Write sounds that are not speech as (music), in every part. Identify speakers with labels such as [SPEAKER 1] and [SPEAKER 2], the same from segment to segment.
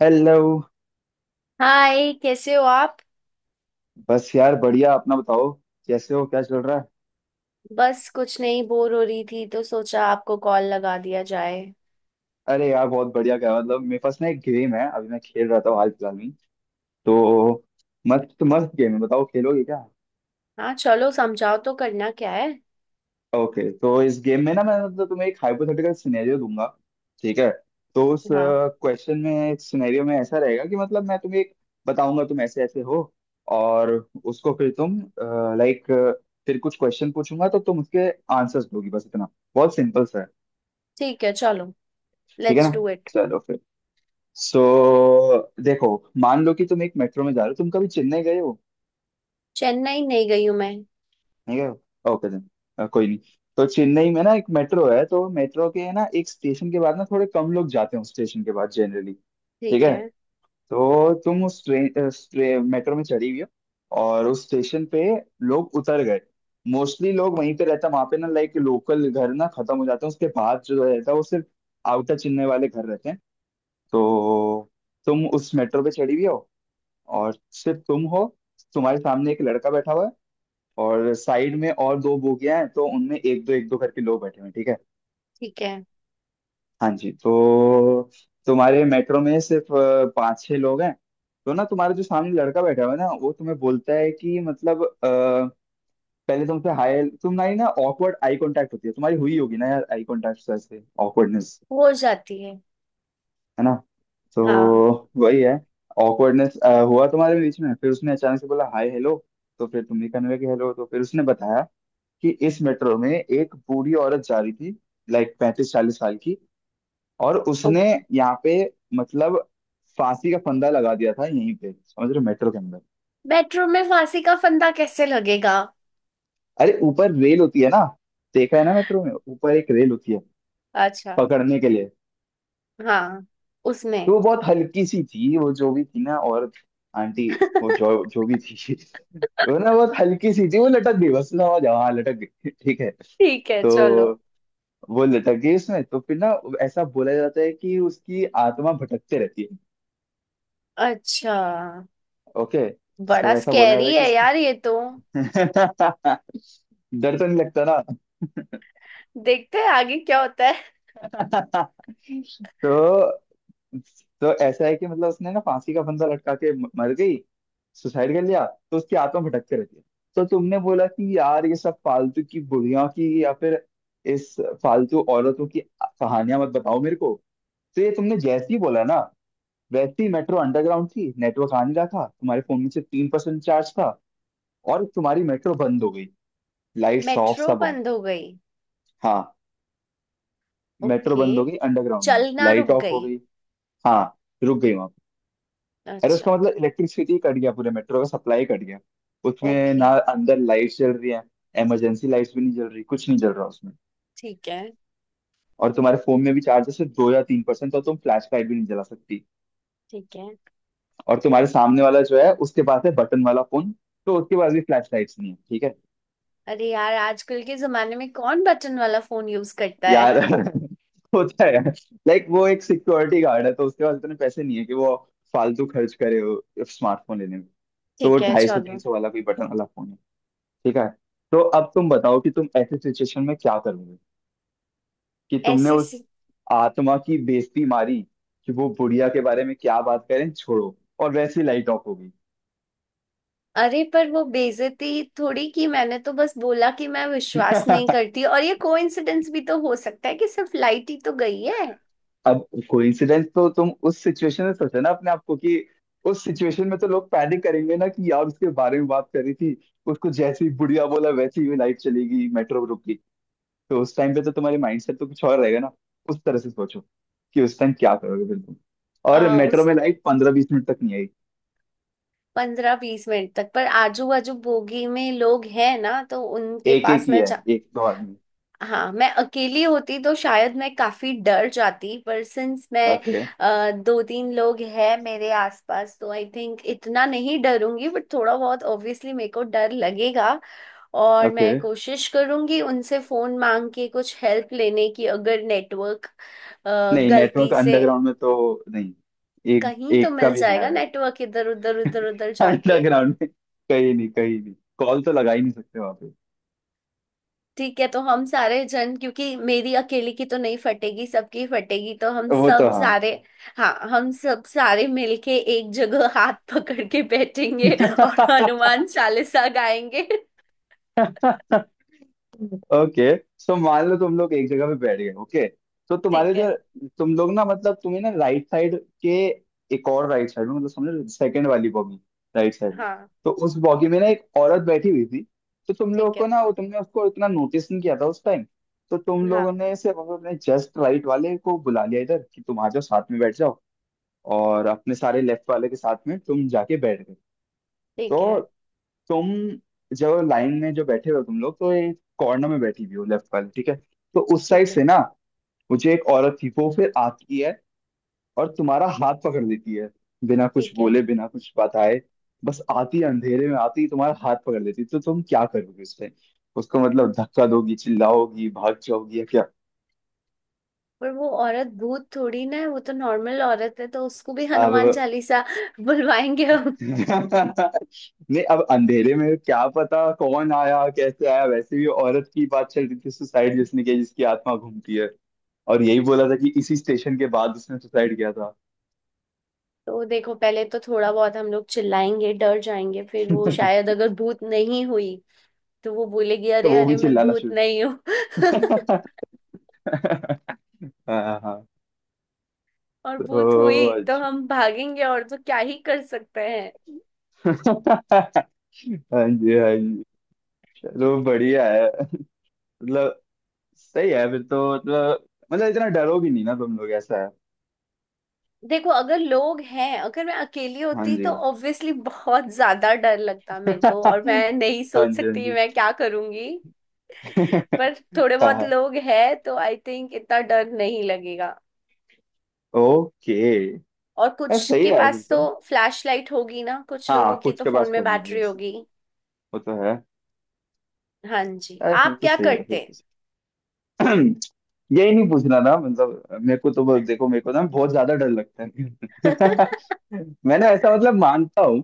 [SPEAKER 1] Hello.
[SPEAKER 2] Hi, कैसे हो आप।
[SPEAKER 1] बस यार बढ़िया। अपना बताओ, कैसे हो, क्या चल रहा है।
[SPEAKER 2] बस कुछ नहीं, बोर हो रही थी तो सोचा आपको कॉल लगा दिया जाए।
[SPEAKER 1] अरे यार बहुत बढ़िया। क्या मतलब मेरे पास ना एक गेम है, अभी मैं खेल रहा था हाल फिलहाल में। तो मस्त मस्त गेम है, बताओ खेलोगे क्या।
[SPEAKER 2] हाँ चलो, समझाओ तो करना क्या है।
[SPEAKER 1] ओके, तो इस गेम में ना मैं मतलब तुम्हें एक हाइपोथेटिकल सिनेरियो दूंगा। ठीक है, तो उस
[SPEAKER 2] हाँ।
[SPEAKER 1] क्वेश्चन में, सिनेरियो में ऐसा रहेगा कि मतलब मैं तुम्हें एक बताऊंगा, तुम ऐसे ऐसे हो और उसको फिर तुम, लाइक, फिर कुछ क्वेश्चन पूछूंगा तो तुम उसके आंसर्स दोगी, बस इतना, बहुत सिंपल सा है।
[SPEAKER 2] ठीक है, चलो।
[SPEAKER 1] ठीक है
[SPEAKER 2] लेट्स
[SPEAKER 1] ना,
[SPEAKER 2] डू इट।
[SPEAKER 1] चलो फिर। सो देखो, मान लो कि तुम एक मेट्रो में जा रहे हो, तुम कभी चेन्नई गए हो।
[SPEAKER 2] चेन्नई नहीं गई हूँ मैं।
[SPEAKER 1] नहीं गए हो? ओके देन, कोई नहीं। तो चेन्नई में ना एक मेट्रो है, तो मेट्रो के ना एक स्टेशन के बाद ना थोड़े कम लोग जाते हैं उस स्टेशन के बाद जनरली। ठीक
[SPEAKER 2] ठीक
[SPEAKER 1] है।
[SPEAKER 2] है।
[SPEAKER 1] तो तुम उस ट्रेन मेट्रो में चढ़ी हुई हो और उस स्टेशन पे लोग उतर गए। मोस्टली लोग वहीं पे रहता, वहां पे ना लाइक लोकल घर ना खत्म हो जाते हैं, उसके बाद जो रहता है वो सिर्फ आउटर चेन्नई वाले घर रहते हैं। तो तुम उस मेट्रो पे चढ़ी हुई हो और सिर्फ तुम हो, तुम्हारे सामने एक लड़का बैठा हुआ है, और साइड में और दो बोगियां हैं, तो उनमें एक दो करके लोग बैठे हुए हैं, ठीक है।
[SPEAKER 2] ठीक है।
[SPEAKER 1] हाँ जी। तो तुम्हारे मेट्रो में सिर्फ पाँच छह लोग हैं। तो ना तुम्हारा जो सामने लड़का बैठा हुआ है ना, वो तुम्हें बोलता है कि मतलब, पहले तुमसे हाय, तुम्हारी ना ऑकवर्ड आई कांटेक्ट होती है, तुम्हारी हुई होगी ना यार आई कांटेक्ट, ऐसे ऑकवर्डनेस,
[SPEAKER 2] हो जाती है।
[SPEAKER 1] है ना। तो
[SPEAKER 2] हाँ।
[SPEAKER 1] वही है, ऑकवर्डनेस हुआ तुम्हारे बीच में, फिर उसने अचानक से बोला हाय हेलो। तो फिर तुमने कहने लगे हेलो, तो फिर उसने बताया कि इस मेट्रो में एक बूढ़ी औरत जा रही थी, लाइक 35-40 साल की, और उसने
[SPEAKER 2] ओके।
[SPEAKER 1] यहाँ पे, मतलब, फांसी का फंदा लगा दिया था यहीं पे, समझ रहे हो, मेट्रो के अंदर।
[SPEAKER 2] मेट्रो में फांसी का फंदा कैसे लगेगा?
[SPEAKER 1] अरे ऊपर रेल होती है ना, देखा है ना मेट्रो में ऊपर एक रेल होती है
[SPEAKER 2] अच्छा।
[SPEAKER 1] पकड़ने के लिए।
[SPEAKER 2] हाँ।
[SPEAKER 1] तो
[SPEAKER 2] उसमें
[SPEAKER 1] वो बहुत हल्की सी थी, वो जो भी थी ना, और आंटी,
[SPEAKER 2] (laughs)
[SPEAKER 1] वो जो जो भी थी (laughs) वो ना बहुत हल्की सी थी, वो लटक गई, बस समझ जाओ, हाँ लटक गई (laughs) ठीक है।
[SPEAKER 2] ठीक है,
[SPEAKER 1] तो
[SPEAKER 2] चलो।
[SPEAKER 1] वो लटक गई उसमें, तो फिर ना ऐसा बोला जाता है कि उसकी आत्मा भटकते रहती है।
[SPEAKER 2] अच्छा।
[SPEAKER 1] ओके, सो
[SPEAKER 2] बड़ा
[SPEAKER 1] ऐसा बोला जाता
[SPEAKER 2] स्कैरी
[SPEAKER 1] है कि (laughs)
[SPEAKER 2] है
[SPEAKER 1] उसकी,
[SPEAKER 2] यार ये तो।
[SPEAKER 1] डर तो नहीं लगता ना?
[SPEAKER 2] देखते हैं आगे क्या होता है।
[SPEAKER 1] (laughs) तो तो ऐसा है कि मतलब उसने ना फांसी का फंदा लटका के मर गई, सुसाइड कर लिया। तो उसकी आत्मा भटकते रहती है। तो तुमने बोला कि यार ये सब फालतू की बुढ़िया की या फिर इस फालतू औरतों की कहानियां मत बताओ मेरे को। तो ये तुमने जैसे ही बोला ना, वैसे ही मेट्रो अंडरग्राउंड थी, नेटवर्क आ नहीं रहा था, तुम्हारे फोन में से 3% चार्ज था, और तुम्हारी मेट्रो बंद हो गई, लाइट्स ऑफ,
[SPEAKER 2] मेट्रो
[SPEAKER 1] सब ऑफ।
[SPEAKER 2] बंद हो गई?
[SPEAKER 1] हाँ, मेट्रो
[SPEAKER 2] ओके।
[SPEAKER 1] बंद हो गई, अंडरग्राउंड में
[SPEAKER 2] चलना
[SPEAKER 1] लाइट
[SPEAKER 2] रुक
[SPEAKER 1] ऑफ हो
[SPEAKER 2] गई?
[SPEAKER 1] गई। हाँ, रुक गई वहां। अरे उसका
[SPEAKER 2] अच्छा।
[SPEAKER 1] मतलब इलेक्ट्रिसिटी कट गया, पूरे मेट्रो का सप्लाई कट गया उसमें ना,
[SPEAKER 2] ओके।
[SPEAKER 1] अंदर लाइट जल रही है, इमरजेंसी लाइट्स भी नहीं जल रही, कुछ नहीं जल रहा उसमें।
[SPEAKER 2] ठीक है।
[SPEAKER 1] और तुम्हारे फोन में भी चार्जर सिर्फ 2 या 3%, तो तुम फ्लैश लाइट भी नहीं जला सकती।
[SPEAKER 2] ठीक है।
[SPEAKER 1] और तुम्हारे सामने वाला जो है उसके पास है बटन वाला फोन, तो उसके पास भी फ्लैश लाइट्स नहीं है, ठीक है।
[SPEAKER 2] अरे यार, आजकल के जमाने में कौन बटन वाला फोन यूज करता है।
[SPEAKER 1] यार (laughs) होता है, लाइक वो एक सिक्योरिटी गार्ड है, तो उसके पास इतने पैसे नहीं है कि वो फालतू खर्च करे स्मार्टफोन लेने में। तो वो
[SPEAKER 2] ठीक है,
[SPEAKER 1] ढाई सौ तीन
[SPEAKER 2] चलो।
[SPEAKER 1] सौ वाला कोई बटन वाला फोन, ठीक है। तो अब तुम बताओ कि तुम ऐसे सिचुएशन में क्या करोगे, कि तुमने
[SPEAKER 2] ऐसी
[SPEAKER 1] उस
[SPEAKER 2] सी...
[SPEAKER 1] आत्मा की बेइज्जती मारी कि वो, बुढ़िया के बारे में क्या बात करें, छोड़ो, और वैसे ही लाइट ऑफ होगी।
[SPEAKER 2] अरे पर वो बेइज्जती थोड़ी की, मैंने तो बस बोला कि मैं विश्वास नहीं
[SPEAKER 1] (laughs)
[SPEAKER 2] करती, और ये कोइंसिडेंस भी तो हो सकता है कि सिर्फ लाइट ही तो गई है।
[SPEAKER 1] अब कोइंसिडेंस तो तुम उस सिचुएशन में सोचो ना अपने आप को कि उस सिचुएशन में तो लोग पैनिक करेंगे ना कि यार उसके बारे में बात करी थी, उसको जैसे ही बुढ़िया बोला वैसे ही लाइट चली गई, मेट्रो रुकी। तो उस टाइम पे तो तुम्हारे माइंडसेट तो कुछ और रहेगा ना, उस तरह से सोचो कि उस टाइम क्या करोगे फिर तुम। और
[SPEAKER 2] आ,
[SPEAKER 1] मेट्रो
[SPEAKER 2] उस
[SPEAKER 1] में लाइट 15-20 मिनट तक नहीं आई।
[SPEAKER 2] 15-20 मिनट तक पर आजू बाजू बोगी में लोग हैं ना, तो उनके
[SPEAKER 1] एक एक
[SPEAKER 2] पास
[SPEAKER 1] ही है, एक दो आदमी।
[SPEAKER 2] हाँ, मैं अकेली होती तो शायद मैं काफी डर जाती, पर सिंस मैं
[SPEAKER 1] ओके।
[SPEAKER 2] दो तीन लोग हैं मेरे आसपास, तो आई थिंक इतना नहीं डरूंगी, बट थोड़ा बहुत ऑब्वियसली मेरे को डर लगेगा। और
[SPEAKER 1] ओके।
[SPEAKER 2] मैं कोशिश करूंगी उनसे फोन मांग के कुछ हेल्प लेने की, अगर नेटवर्क
[SPEAKER 1] नहीं, नेटवर्क
[SPEAKER 2] गलती से
[SPEAKER 1] अंडरग्राउंड में तो नहीं, एक
[SPEAKER 2] कहीं तो
[SPEAKER 1] एक का
[SPEAKER 2] मिल
[SPEAKER 1] भी नहीं
[SPEAKER 2] जाएगा
[SPEAKER 1] आएगा।
[SPEAKER 2] नेटवर्क, इधर उधर उधर उधर
[SPEAKER 1] (laughs)
[SPEAKER 2] जाके।
[SPEAKER 1] अंडरग्राउंड में कहीं नहीं, कहीं नहीं, कॉल तो लगा ही नहीं सकते वहां पे।
[SPEAKER 2] ठीक है, तो हम सारे जन, क्योंकि मेरी अकेली की तो नहीं फटेगी, सबकी फटेगी, तो हम
[SPEAKER 1] वो तो
[SPEAKER 2] सब
[SPEAKER 1] हाँ।
[SPEAKER 2] सारे। हाँ, हम सब सारे मिलके एक जगह हाथ पकड़ के बैठेंगे और हनुमान चालीसा गाएंगे। (laughs)
[SPEAKER 1] (laughs) ओके, सो मान लो तुम लोग एक जगह पे बैठ गए, ओके। तो तुम्हारे
[SPEAKER 2] ठीक है।
[SPEAKER 1] जो, तुम लोग ना, मतलब तुम्हें ना राइट साइड के, एक और राइट साइड में, मतलब समझो सेकंड वाली बॉगी राइट साइड में।
[SPEAKER 2] हाँ।
[SPEAKER 1] तो उस बॉगी में ना एक औरत बैठी हुई थी, तो तुम
[SPEAKER 2] ठीक
[SPEAKER 1] लोग को
[SPEAKER 2] है।
[SPEAKER 1] ना वो, तुमने उसको इतना नोटिस नहीं किया था उस टाइम। तो तुम लोगों
[SPEAKER 2] हाँ।
[SPEAKER 1] ने सिर्फ अपने जस्ट राइट वाले को बुला लिया इधर कि तुम आ जाओ साथ में बैठ जाओ, और अपने सारे लेफ्ट वाले के साथ में तुम जाके बैठ गए।
[SPEAKER 2] ठीक
[SPEAKER 1] तो
[SPEAKER 2] है।
[SPEAKER 1] तुम जो लाइन में जो बैठे हो तुम लोग, तो एक कॉर्नर में बैठी हुई हो लेफ्ट वाले, ठीक है। तो उस साइड
[SPEAKER 2] ठीक
[SPEAKER 1] से
[SPEAKER 2] है।
[SPEAKER 1] ना मुझे एक औरत थी, वो फिर आती है और तुम्हारा हाथ पकड़ लेती है, बिना कुछ
[SPEAKER 2] ठीक है।
[SPEAKER 1] बोले, बिना कुछ बताए, बस आती है, अंधेरे में आती है, तुम्हारा हाथ पकड़ लेती है। तो तुम क्या करोगे उस टाइम, उसको मतलब धक्का दोगी, चिल्लाओगी, भाग जाओगी, या क्या।
[SPEAKER 2] पर वो औरत भूत थोड़ी ना है, वो तो नॉर्मल औरत है, तो उसको भी हनुमान
[SPEAKER 1] अब
[SPEAKER 2] चालीसा (laughs) बुलवाएंगे हम।
[SPEAKER 1] (laughs) नहीं, अब अंधेरे में क्या पता कौन आया कैसे आया, वैसे भी औरत की बात चल रही थी, सुसाइड जिसने किया, जिसकी आत्मा घूमती है, और यही बोला था कि इसी स्टेशन के बाद उसने सुसाइड किया था।
[SPEAKER 2] तो देखो, पहले तो थोड़ा बहुत हम लोग चिल्लाएंगे, डर जाएंगे, फिर वो
[SPEAKER 1] (laughs)
[SPEAKER 2] शायद अगर भूत नहीं हुई तो वो बोलेगी,
[SPEAKER 1] तो
[SPEAKER 2] अरे
[SPEAKER 1] वो भी
[SPEAKER 2] अरे मैं
[SPEAKER 1] चिल्लाना
[SPEAKER 2] भूत
[SPEAKER 1] शुरू
[SPEAKER 2] नहीं हूँ। (laughs)
[SPEAKER 1] (laughs) हाँ हाँ।
[SPEAKER 2] और भूत
[SPEAKER 1] तो
[SPEAKER 2] हुई तो
[SPEAKER 1] अच्छा
[SPEAKER 2] हम भागेंगे, और तो क्या ही कर सकते हैं।
[SPEAKER 1] (laughs) हाँ जी, हाँ जी। चलो बढ़िया है, मतलब, सही है फिर तो, मतलब, मतलब इतना डरो भी नहीं ना तुम लोग, ऐसा है।
[SPEAKER 2] देखो अगर लोग हैं, अगर मैं अकेली
[SPEAKER 1] हाँ
[SPEAKER 2] होती
[SPEAKER 1] जी
[SPEAKER 2] तो ऑब्वियसली बहुत ज्यादा डर
[SPEAKER 1] (laughs)
[SPEAKER 2] लगता मेरे
[SPEAKER 1] हाँ
[SPEAKER 2] को, और
[SPEAKER 1] जी,
[SPEAKER 2] मैं नहीं
[SPEAKER 1] हाँ
[SPEAKER 2] सोच सकती
[SPEAKER 1] जी
[SPEAKER 2] मैं क्या करूंगी।
[SPEAKER 1] (laughs)
[SPEAKER 2] पर थोड़े बहुत
[SPEAKER 1] हाँ,
[SPEAKER 2] लोग हैं तो आई थिंक इतना डर नहीं लगेगा।
[SPEAKER 1] ओके।
[SPEAKER 2] और
[SPEAKER 1] यार
[SPEAKER 2] कुछ
[SPEAKER 1] सही
[SPEAKER 2] के
[SPEAKER 1] है फिर
[SPEAKER 2] पास तो
[SPEAKER 1] तो।
[SPEAKER 2] फ्लैश लाइट होगी ना, कुछ लोगों
[SPEAKER 1] हाँ
[SPEAKER 2] की
[SPEAKER 1] कुछ
[SPEAKER 2] तो
[SPEAKER 1] के
[SPEAKER 2] फोन
[SPEAKER 1] पास
[SPEAKER 2] में
[SPEAKER 1] तो वो है,
[SPEAKER 2] बैटरी
[SPEAKER 1] ऐसी,
[SPEAKER 2] होगी।
[SPEAKER 1] वो तो है।
[SPEAKER 2] हाँ जी,
[SPEAKER 1] यार फिर
[SPEAKER 2] आप
[SPEAKER 1] तो
[SPEAKER 2] क्या
[SPEAKER 1] सही है, फिर
[SPEAKER 2] करते?
[SPEAKER 1] तो (clears throat) यही नहीं पूछना था मतलब मेरे को तो देखो, मेरे को ना बहुत ज्यादा डर लगता
[SPEAKER 2] (laughs)
[SPEAKER 1] है (laughs) मैंने ऐसा, मतलब, मानता हूँ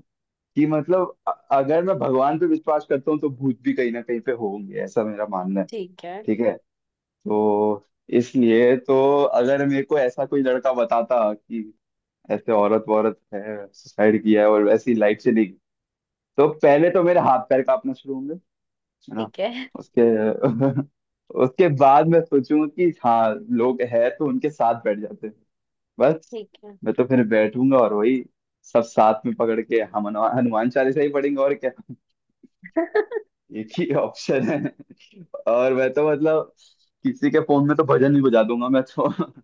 [SPEAKER 1] कि, मतलब, अगर मैं भगवान पे विश्वास करता हूँ तो भूत भी कहीं ना कहीं पे होंगे, ऐसा मेरा मानना है।
[SPEAKER 2] ठीक है।
[SPEAKER 1] ठीक है, तो इसलिए तो, अगर मेरे को ऐसा कोई लड़का बताता कि ऐसे औरत वौरत है, सुसाइड किया है और ऐसी लाइफ से नहीं, तो पहले तो मेरे हाथ पैर कांपना शुरू होंगे, है ना।
[SPEAKER 2] ठीक है।
[SPEAKER 1] उसके (laughs) उसके बाद मैं सोचूंगा कि हाँ लोग है तो उनके साथ बैठ जाते हैं। बस।
[SPEAKER 2] ठीक है।
[SPEAKER 1] मैं तो फिर बैठूंगा और वही सब साथ में पकड़ के हम हनुमान हनुमान चालीसा ही पढ़ेंगे और क्या (laughs) एक ही ऑप्शन है। और मैं तो, मतलब, किसी के फोन में तो भजन ही बजा दूंगा मैं तो (laughs)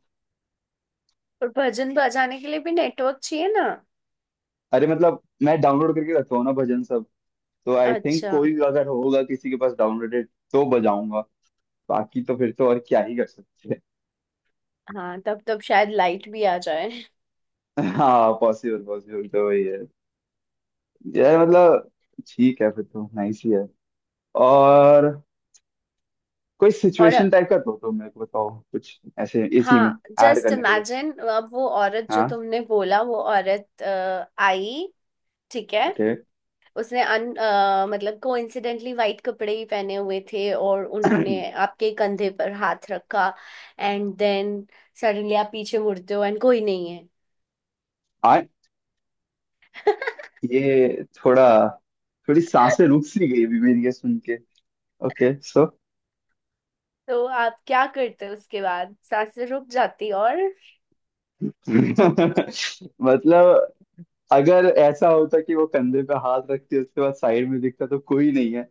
[SPEAKER 2] पर भजन बजाने के लिए भी नेटवर्क चाहिए ना।
[SPEAKER 1] अरे मतलब मैं डाउनलोड करके रखता हूँ ना भजन सब, तो आई थिंक
[SPEAKER 2] अच्छा।
[SPEAKER 1] कोई अगर होगा किसी के पास डाउनलोडेड तो बजाऊंगा। बाकी तो फिर तो और क्या ही कर सकते हैं।
[SPEAKER 2] हाँ, तब तब शायद लाइट भी आ जाए।
[SPEAKER 1] (laughs) हाँ, पॉसिबल, पॉसिबल तो वही है। यार मतलब ठीक है फिर तो, नाइस ही है। और कोई
[SPEAKER 2] और।
[SPEAKER 1] सिचुएशन टाइप का दो तो मेरे को बताओ, कुछ ऐसे इसी में
[SPEAKER 2] हाँ,
[SPEAKER 1] ऐड
[SPEAKER 2] जस्ट
[SPEAKER 1] करने के लिए।
[SPEAKER 2] इमेजिन, अब वो औरत जो
[SPEAKER 1] हाँ,
[SPEAKER 2] तुमने बोला, वो औरत आई। ठीक है।
[SPEAKER 1] ओके।
[SPEAKER 2] उसने मतलब कोइंसिडेंटली वाइट कपड़े ही पहने हुए थे, और
[SPEAKER 1] (clears throat)
[SPEAKER 2] उन्होंने आपके कंधे पर हाथ रखा, एंड देन सडनली आप पीछे मुड़ते हो, एंड कोई नहीं है।
[SPEAKER 1] आ
[SPEAKER 2] (laughs)
[SPEAKER 1] ये थोड़ा, थोड़ी सांसें रुक सी गई अभी मेरी ये सुन के, ओके सो
[SPEAKER 2] तो आप क्या करते हो उसके बाद, सांसें रुक जाती, और।
[SPEAKER 1] (laughs) मतलब अगर ऐसा होता कि वो कंधे पे हाथ रखती उसके बाद साइड में दिखता तो कोई नहीं है,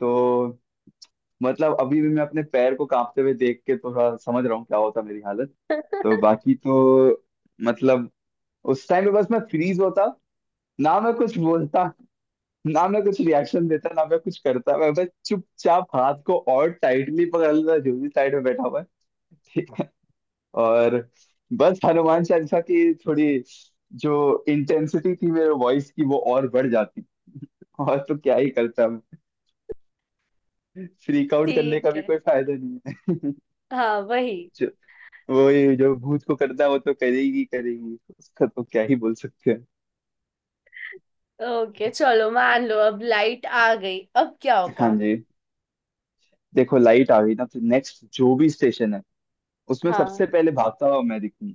[SPEAKER 1] तो, मतलब, अभी भी मैं अपने पैर को कांपते हुए देख के थोड़ा समझ रहा हूँ क्या होता मेरी हालत। तो बाकी तो, मतलब, उस टाइम पे बस मैं फ्रीज होता, ना मैं कुछ बोलता, ना मैं कुछ रिएक्शन देता, ना मैं कुछ करता, मैं बस चुपचाप हाथ को और टाइटली पकड़ लेता जो भी साइड में बैठा हुआ है (laughs) ठीक है। और बस हनुमान चालीसा की थोड़ी जो इंटेंसिटी थी मेरे वॉइस की वो और बढ़ जाती, और तो क्या ही करता मैं, फ्रीक आउट करने का
[SPEAKER 2] ठीक
[SPEAKER 1] भी
[SPEAKER 2] है।
[SPEAKER 1] कोई फायदा नहीं है।
[SPEAKER 2] हाँ, वही।
[SPEAKER 1] (laughs) वही, जो भूत को करता है वो तो करेगी करेगी, उसका तो क्या ही बोल सकते हैं।
[SPEAKER 2] ओके चलो, मान लो अब लाइट आ गई, अब क्या
[SPEAKER 1] हाँ
[SPEAKER 2] होगा।
[SPEAKER 1] जी, देखो लाइट आ गई ना तो नेक्स्ट जो भी स्टेशन है उसमें
[SPEAKER 2] हाँ,
[SPEAKER 1] सबसे पहले भागता हुआ मैं दिखूं।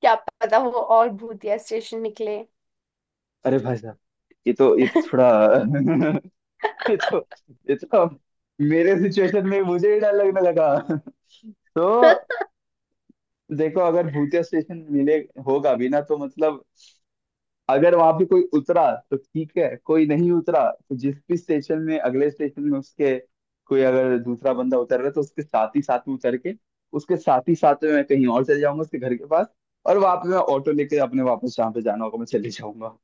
[SPEAKER 2] क्या पता वो और भूतिया स्टेशन निकले।
[SPEAKER 1] अरे भाई साहब, ये तो थोड़ा (laughs) ये तो ये तो मेरे सिचुएशन में मुझे ही डर लगने लगा (laughs) तो
[SPEAKER 2] (laughs)
[SPEAKER 1] देखो, अगर भूतिया स्टेशन मिले होगा भी ना, तो मतलब अगर वहां पे कोई उतरा तो ठीक है, कोई नहीं उतरा तो जिस भी स्टेशन में, अगले स्टेशन में उसके, कोई अगर दूसरा बंदा उतर रहा है तो उसके साथ ही साथ में उतर के, उसके साथ ही साथ में मैं कहीं और चले जाऊंगा उसके घर के पास। और वहां पे मैं ऑटो लेके अपने वापस जहाँ पे जाना होगा मैं चले जाऊंगा,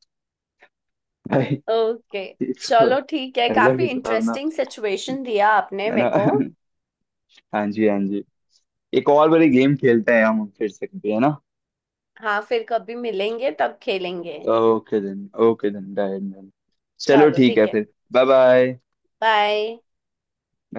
[SPEAKER 1] भाई।
[SPEAKER 2] ओके
[SPEAKER 1] ये तो
[SPEAKER 2] चलो, ठीक है,
[SPEAKER 1] अलग
[SPEAKER 2] काफी
[SPEAKER 1] ही डरावना
[SPEAKER 2] इंटरेस्टिंग सिचुएशन दिया आपने
[SPEAKER 1] है ना
[SPEAKER 2] मेरे को।
[SPEAKER 1] (laughs) हाँ जी, हाँ जी। एक और बड़ी गेम खेलते हैं हम फिर से कभी, है ना।
[SPEAKER 2] हाँ, फिर कभी मिलेंगे तब खेलेंगे।
[SPEAKER 1] Okay then, okay then, done done, चलो
[SPEAKER 2] चलो
[SPEAKER 1] ठीक है
[SPEAKER 2] ठीक है।
[SPEAKER 1] फिर। Bye bye.
[SPEAKER 2] बाय।